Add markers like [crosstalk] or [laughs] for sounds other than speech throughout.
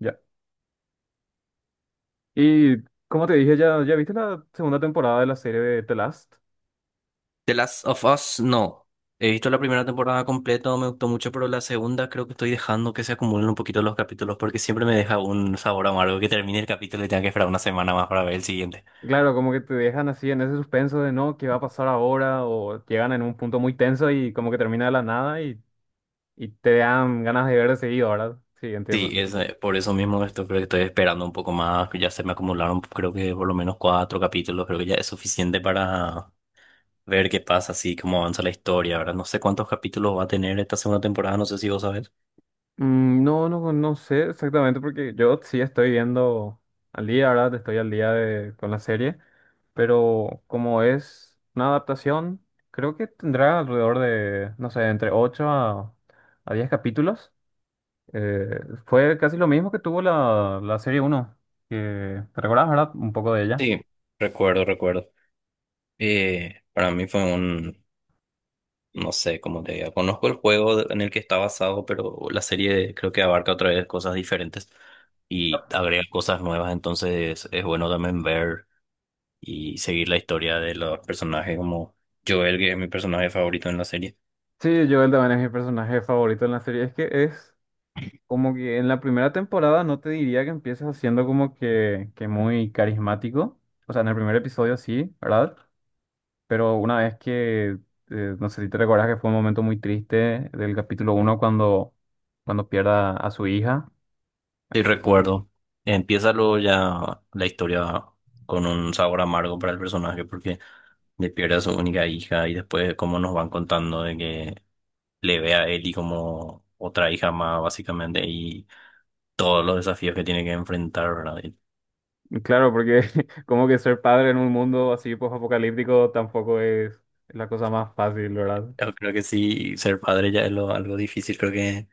Ya. Y como te dije, ya viste la segunda temporada de la serie de The Last. The Last of Us, no. He visto la primera temporada completa, me gustó mucho, pero la segunda creo que estoy dejando que se acumulen un poquito los capítulos porque siempre me deja un sabor amargo que termine el capítulo y tenga que esperar una semana más para ver el siguiente. Claro, como que te dejan así en ese suspenso de no, ¿qué va a pasar ahora? O llegan en un punto muy tenso y como que termina de la nada y te dan ganas de ver de seguido, ¿verdad? Sí, entiendo. Sí, es por eso mismo esto creo que estoy esperando un poco más, que ya se me acumularon creo que por lo menos cuatro capítulos, creo que ya es suficiente para ver qué pasa, así cómo avanza la historia, ahora no sé cuántos capítulos va a tener esta segunda temporada, no sé si vos sabés. Mm, no, no, no sé exactamente porque yo sí estoy viendo al día, ¿verdad? Estoy al día de, con la serie. Pero como es una adaptación, creo que tendrá alrededor de, no sé, entre 8 a 10 capítulos. Eh, Fue casi lo mismo que tuvo la serie uno. Que te recuerdas, ¿verdad? Un poco de ella. Sí, recuerdo. Para mí fue un... No sé cómo te diga. Conozco el juego de- en el que está basado, pero la serie creo que abarca otra vez cosas diferentes y agrega cosas nuevas. Entonces es bueno también ver y seguir la historia de los personajes como Joel, que es mi personaje favorito en la serie. Sí, Joel también es mi personaje favorito en la serie. Es que es como que en la primera temporada no te diría que empiezas siendo como que muy carismático. O sea, en el primer episodio sí, ¿verdad? Pero una vez que, no sé si te recuerdas que fue un momento muy triste del capítulo uno cuando pierda a su hija. Sí, recuerdo. Empieza luego ya la historia con un sabor amargo para el personaje porque le pierde a su única hija y después cómo nos van contando de que le ve a Ellie como otra hija más, básicamente, y todos los desafíos que tiene que enfrentar, ¿verdad? Y... Claro, porque [laughs] como que ser padre en un mundo así post-apocalíptico tampoco es la cosa más fácil, ¿verdad? Yo creo que sí, ser padre ya es lo, algo difícil, creo que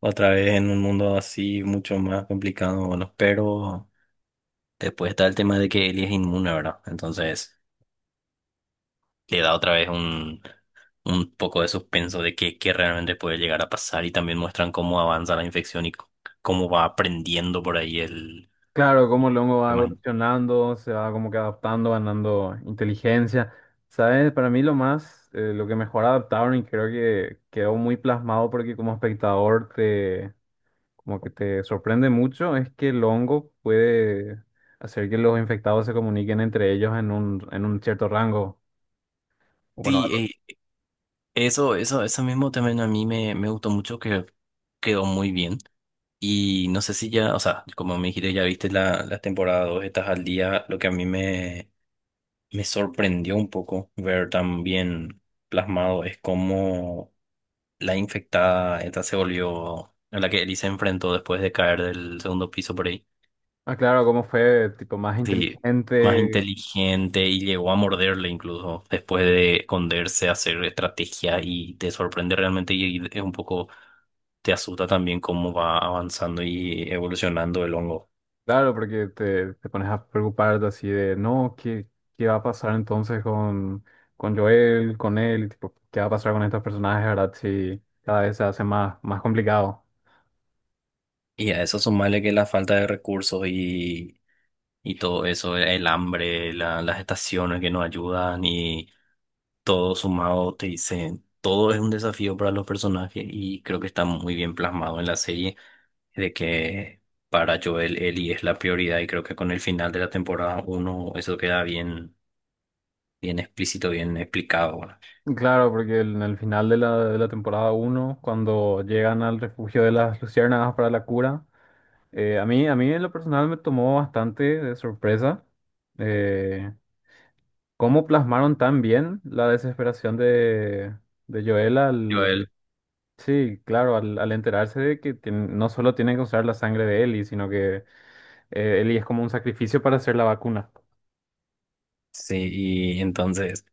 otra vez en un mundo así mucho más complicado, bueno, pero después está el tema de que Ellie es inmune, ¿verdad? Entonces le da otra vez un poco de suspenso de qué qué realmente puede llegar a pasar y también muestran cómo avanza la infección y c- cómo va aprendiendo por ahí el... Claro, como el hongo va tema. evolucionando, se va como que adaptando, ganando inteligencia. ¿Sabes? Para mí lo más, lo que mejor adaptaron y creo que quedó muy plasmado porque como espectador como que te sorprende mucho, es que el hongo puede hacer que los infectados se comuniquen entre ellos en un cierto rango. Bueno. Sí, eso mismo también a mí me gustó mucho que quedó muy bien. Y no sé si ya, o sea, como me dijiste, ya viste la temporada dos, estás al día. Lo que a mí me sorprendió un poco ver tan bien plasmado es cómo la infectada esta se volvió, a la que Ellie se enfrentó después de caer del segundo piso por ahí. Ah, claro, cómo fue tipo más Sí, más inteligente. inteligente, y llegó a morderle incluso después de esconderse, hacer estrategia, y te sorprende realmente y es un poco, te asusta también cómo va avanzando y evolucionando el hongo. Claro, porque te pones a preocuparte así de, no, ¿qué va a pasar entonces con, Joel, con él? Tipo, ¿qué va a pasar con estos personajes, verdad? Si cada vez se hace más, más complicado. Y a eso sumarle que la falta de recursos y todo eso, el hambre, la- las estaciones que no ayudan y todo sumado, te dicen, todo es un desafío para los personajes y creo que está muy bien plasmado en la serie de que para Joel Ellie es la prioridad y creo que con el final de la temporada uno eso queda bien, bien explícito, bien explicado, ¿verdad? Claro, porque en el final de la temporada uno, cuando llegan al refugio de las luciérnagas para la cura, a mí en lo personal me tomó bastante de sorpresa eh, cómo plasmaron tan bien la desesperación de Joel. Joel. Sí, claro, al enterarse de que no solo tienen que usar la sangre de Ellie, sino que Ellie es como un sacrificio para hacer la vacuna. Sí, y entonces...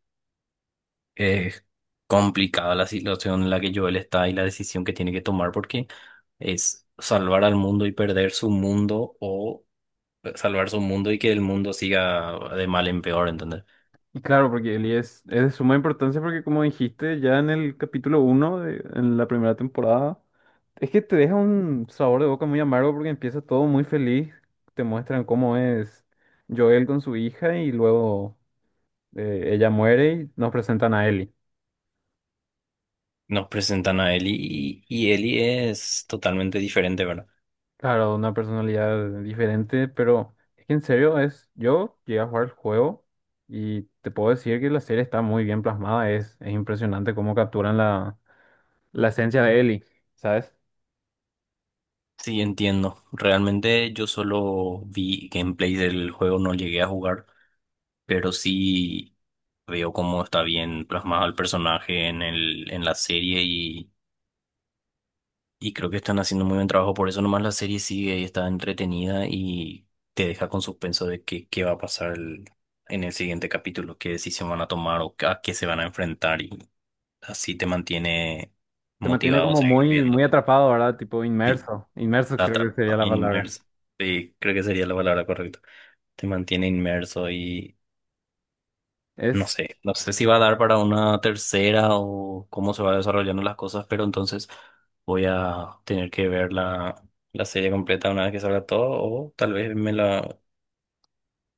Es complicada la situación en la que Joel está y la decisión que tiene que tomar porque es salvar al mundo y perder su mundo, o salvar su mundo y que el mundo siga de mal en peor, ¿entendés? Y claro, porque Ellie es de suma importancia porque como dijiste ya en el capítulo uno de en la primera temporada, es que te deja un sabor de boca muy amargo porque empieza todo muy feliz, te muestran cómo es Joel con su hija y luego ella muere y nos presentan a Ellie. Nos presentan a Ellie, y Ellie es totalmente diferente, ¿verdad? Claro, una personalidad diferente, pero es que en serio es, yo llegué a jugar el juego y te puedo decir que la serie está muy bien plasmada, es impresionante cómo capturan la, la esencia de Ellie, ¿sabes? Sí, entiendo. Realmente yo solo vi gameplay del juego, no llegué a jugar, pero sí veo cómo está bien plasmado el personaje en en la serie. Y creo que están haciendo muy buen trabajo, por eso nomás la serie sigue y está entretenida y te deja con suspenso de qué va a pasar el- en el siguiente capítulo, qué decisión van a tomar o a qué se van a enfrentar, y así te mantiene Te mantiene motivado a como seguir muy, muy viendo. atrapado, ¿verdad? Tipo Sí, inmerso, inmerso la creo que sería atrapa, la palabra. inmerso. Sí, creo que sería la palabra correcta. Te mantiene inmerso y... No Es, sé, no sé si va a dar para una tercera o cómo se va desarrollando las cosas, pero entonces voy a tener que ver la serie completa una vez que salga todo, o tal vez me la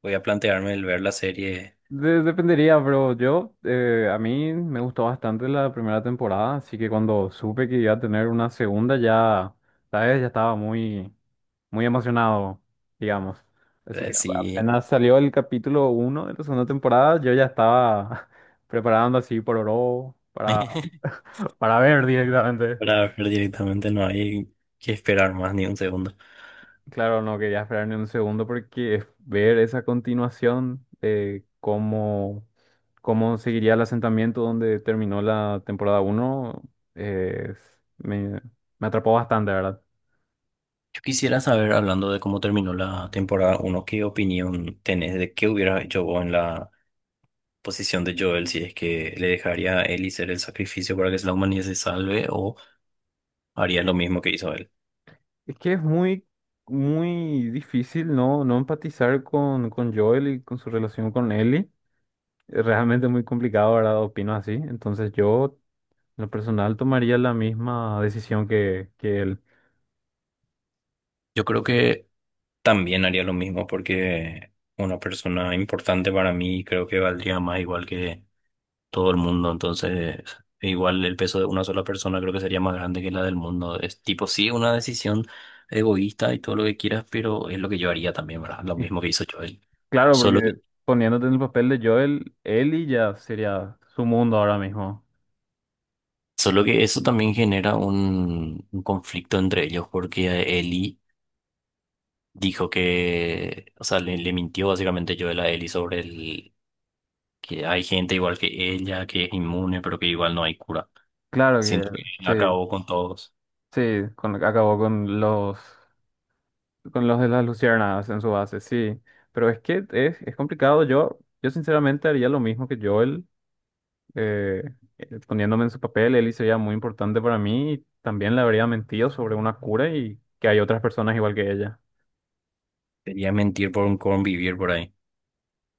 voy a plantearme el ver la serie. de- dependería, pero yo, a mí me gustó bastante la primera temporada, así que cuando supe que iba a tener una segunda ya, ¿sabes? Ya estaba muy... muy emocionado, digamos. Así que Si apenas salió el capítulo uno de la segunda temporada, yo ya estaba [laughs] preparando así por oro [laughs] para ver directamente. para ver directamente no hay que esperar más ni un segundo. Claro, no quería esperar ni un segundo porque ver esa continuación de cómo, cómo seguiría el asentamiento donde terminó la temporada 1 me, me atrapó bastante, ¿verdad? Yo quisiera saber, hablando de cómo terminó la temporada uno, ¿qué opinión tenés de qué hubiera hecho vos en la posición de Joel? Si es que le dejaría a Ellie ser el sacrificio para que la humanidad se salve, haría lo mismo que hizo él. Es que es muy, muy difícil no, no empatizar con Joel y con su relación con Ellie. Es realmente muy complicado, ¿verdad? Opino así. Entonces yo, en lo personal, tomaría la misma decisión que él. Yo creo que también haría lo mismo porque una persona importante para mí creo que valdría más igual que todo el mundo. Entonces, igual el peso de una sola persona creo que sería más grande que la del mundo. Es tipo, sí, una decisión egoísta y todo lo que quieras, pero es lo que yo haría también, ¿verdad? Lo Y mismo que hizo Joel. claro, Solo que, porque poniéndote en el papel de Joel, Ellie ya sería su mundo ahora mismo. solo que eso también genera un conflicto entre ellos porque Eli dijo que, o sea, le mintió básicamente Joel a Eli sobre el que hay gente igual que ella que es inmune, pero que igual no hay cura. Claro Siento que que sí, acabó con todos. sí, acabó con los de las luciérnagas en su base, sí. Pero es que es complicado. Yo sinceramente haría lo mismo que Joel, eh, poniéndome en su papel, Eli sería muy importante para mí y también le habría mentido sobre una cura y que hay otras personas igual que ella. Sería mentir por un convivir por ahí.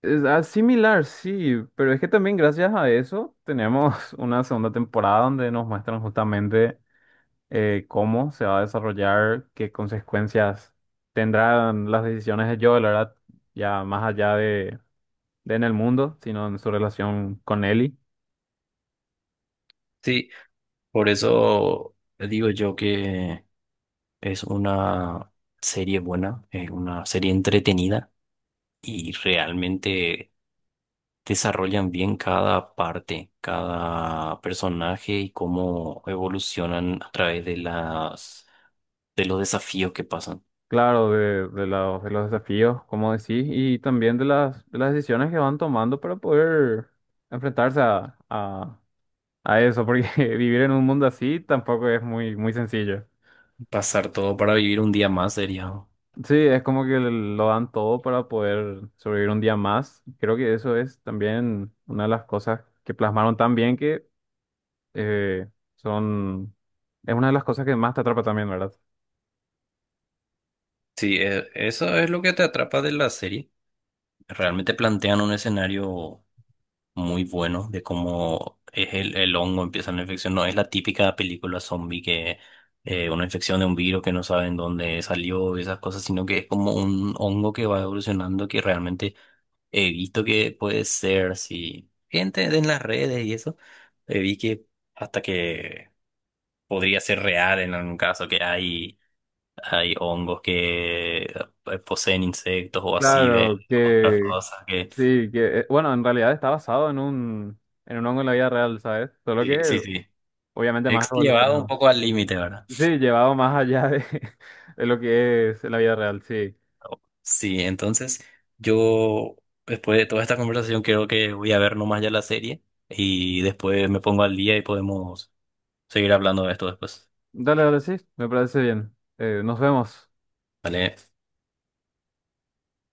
Es similar, sí, pero es que también gracias a eso tenemos [laughs] una segunda temporada donde nos muestran justamente cómo se va a desarrollar, qué consecuencias tendrán las decisiones de Joel, ¿verdad? Ya más allá de en el mundo, sino en su relación con Ellie. Sí, por eso digo yo que es una serie buena, es una serie entretenida y realmente desarrollan bien cada parte, cada personaje y cómo evolucionan a través de las de los desafíos que pasan. Claro, de los desafíos, como decís, y también de las decisiones que van tomando para poder enfrentarse a eso, porque [laughs] vivir en un mundo así tampoco es muy, muy sencillo. Pasar todo para vivir un día más sería. Sí, es como que lo dan todo para poder sobrevivir un día más. Creo que eso es también una de las cosas que plasmaron tan bien que eh, son... es una de las cosas que más te atrapa también, ¿verdad? Sí, e- eso es lo que te atrapa de la serie. Realmente plantean un escenario muy bueno de cómo es el hongo, empieza la infección. No es la típica película zombie que una infección de un virus que no saben dónde salió y esas cosas, sino que es como un hongo que va evolucionando, que realmente he visto que puede ser, si gente en las redes y eso, vi que hasta que podría ser real en algún caso que hay hay hongos que poseen insectos o así, ve Claro, otras que, cosas que... Sí, que bueno, en realidad está basado en un, hongo en la vida real, ¿sabes? Solo Sí, que sí, sí. obviamente He más llevado un evolucionado. poco al límite, ¿verdad? Sí, llevado más allá de, [laughs] de lo que es la vida real, sí. Sí, entonces yo después de toda esta conversación creo que voy a ver nomás ya la serie y después me pongo al día y podemos seguir hablando de esto después. Dale, dale, sí, me parece bien. Nos vemos. ¿Vale?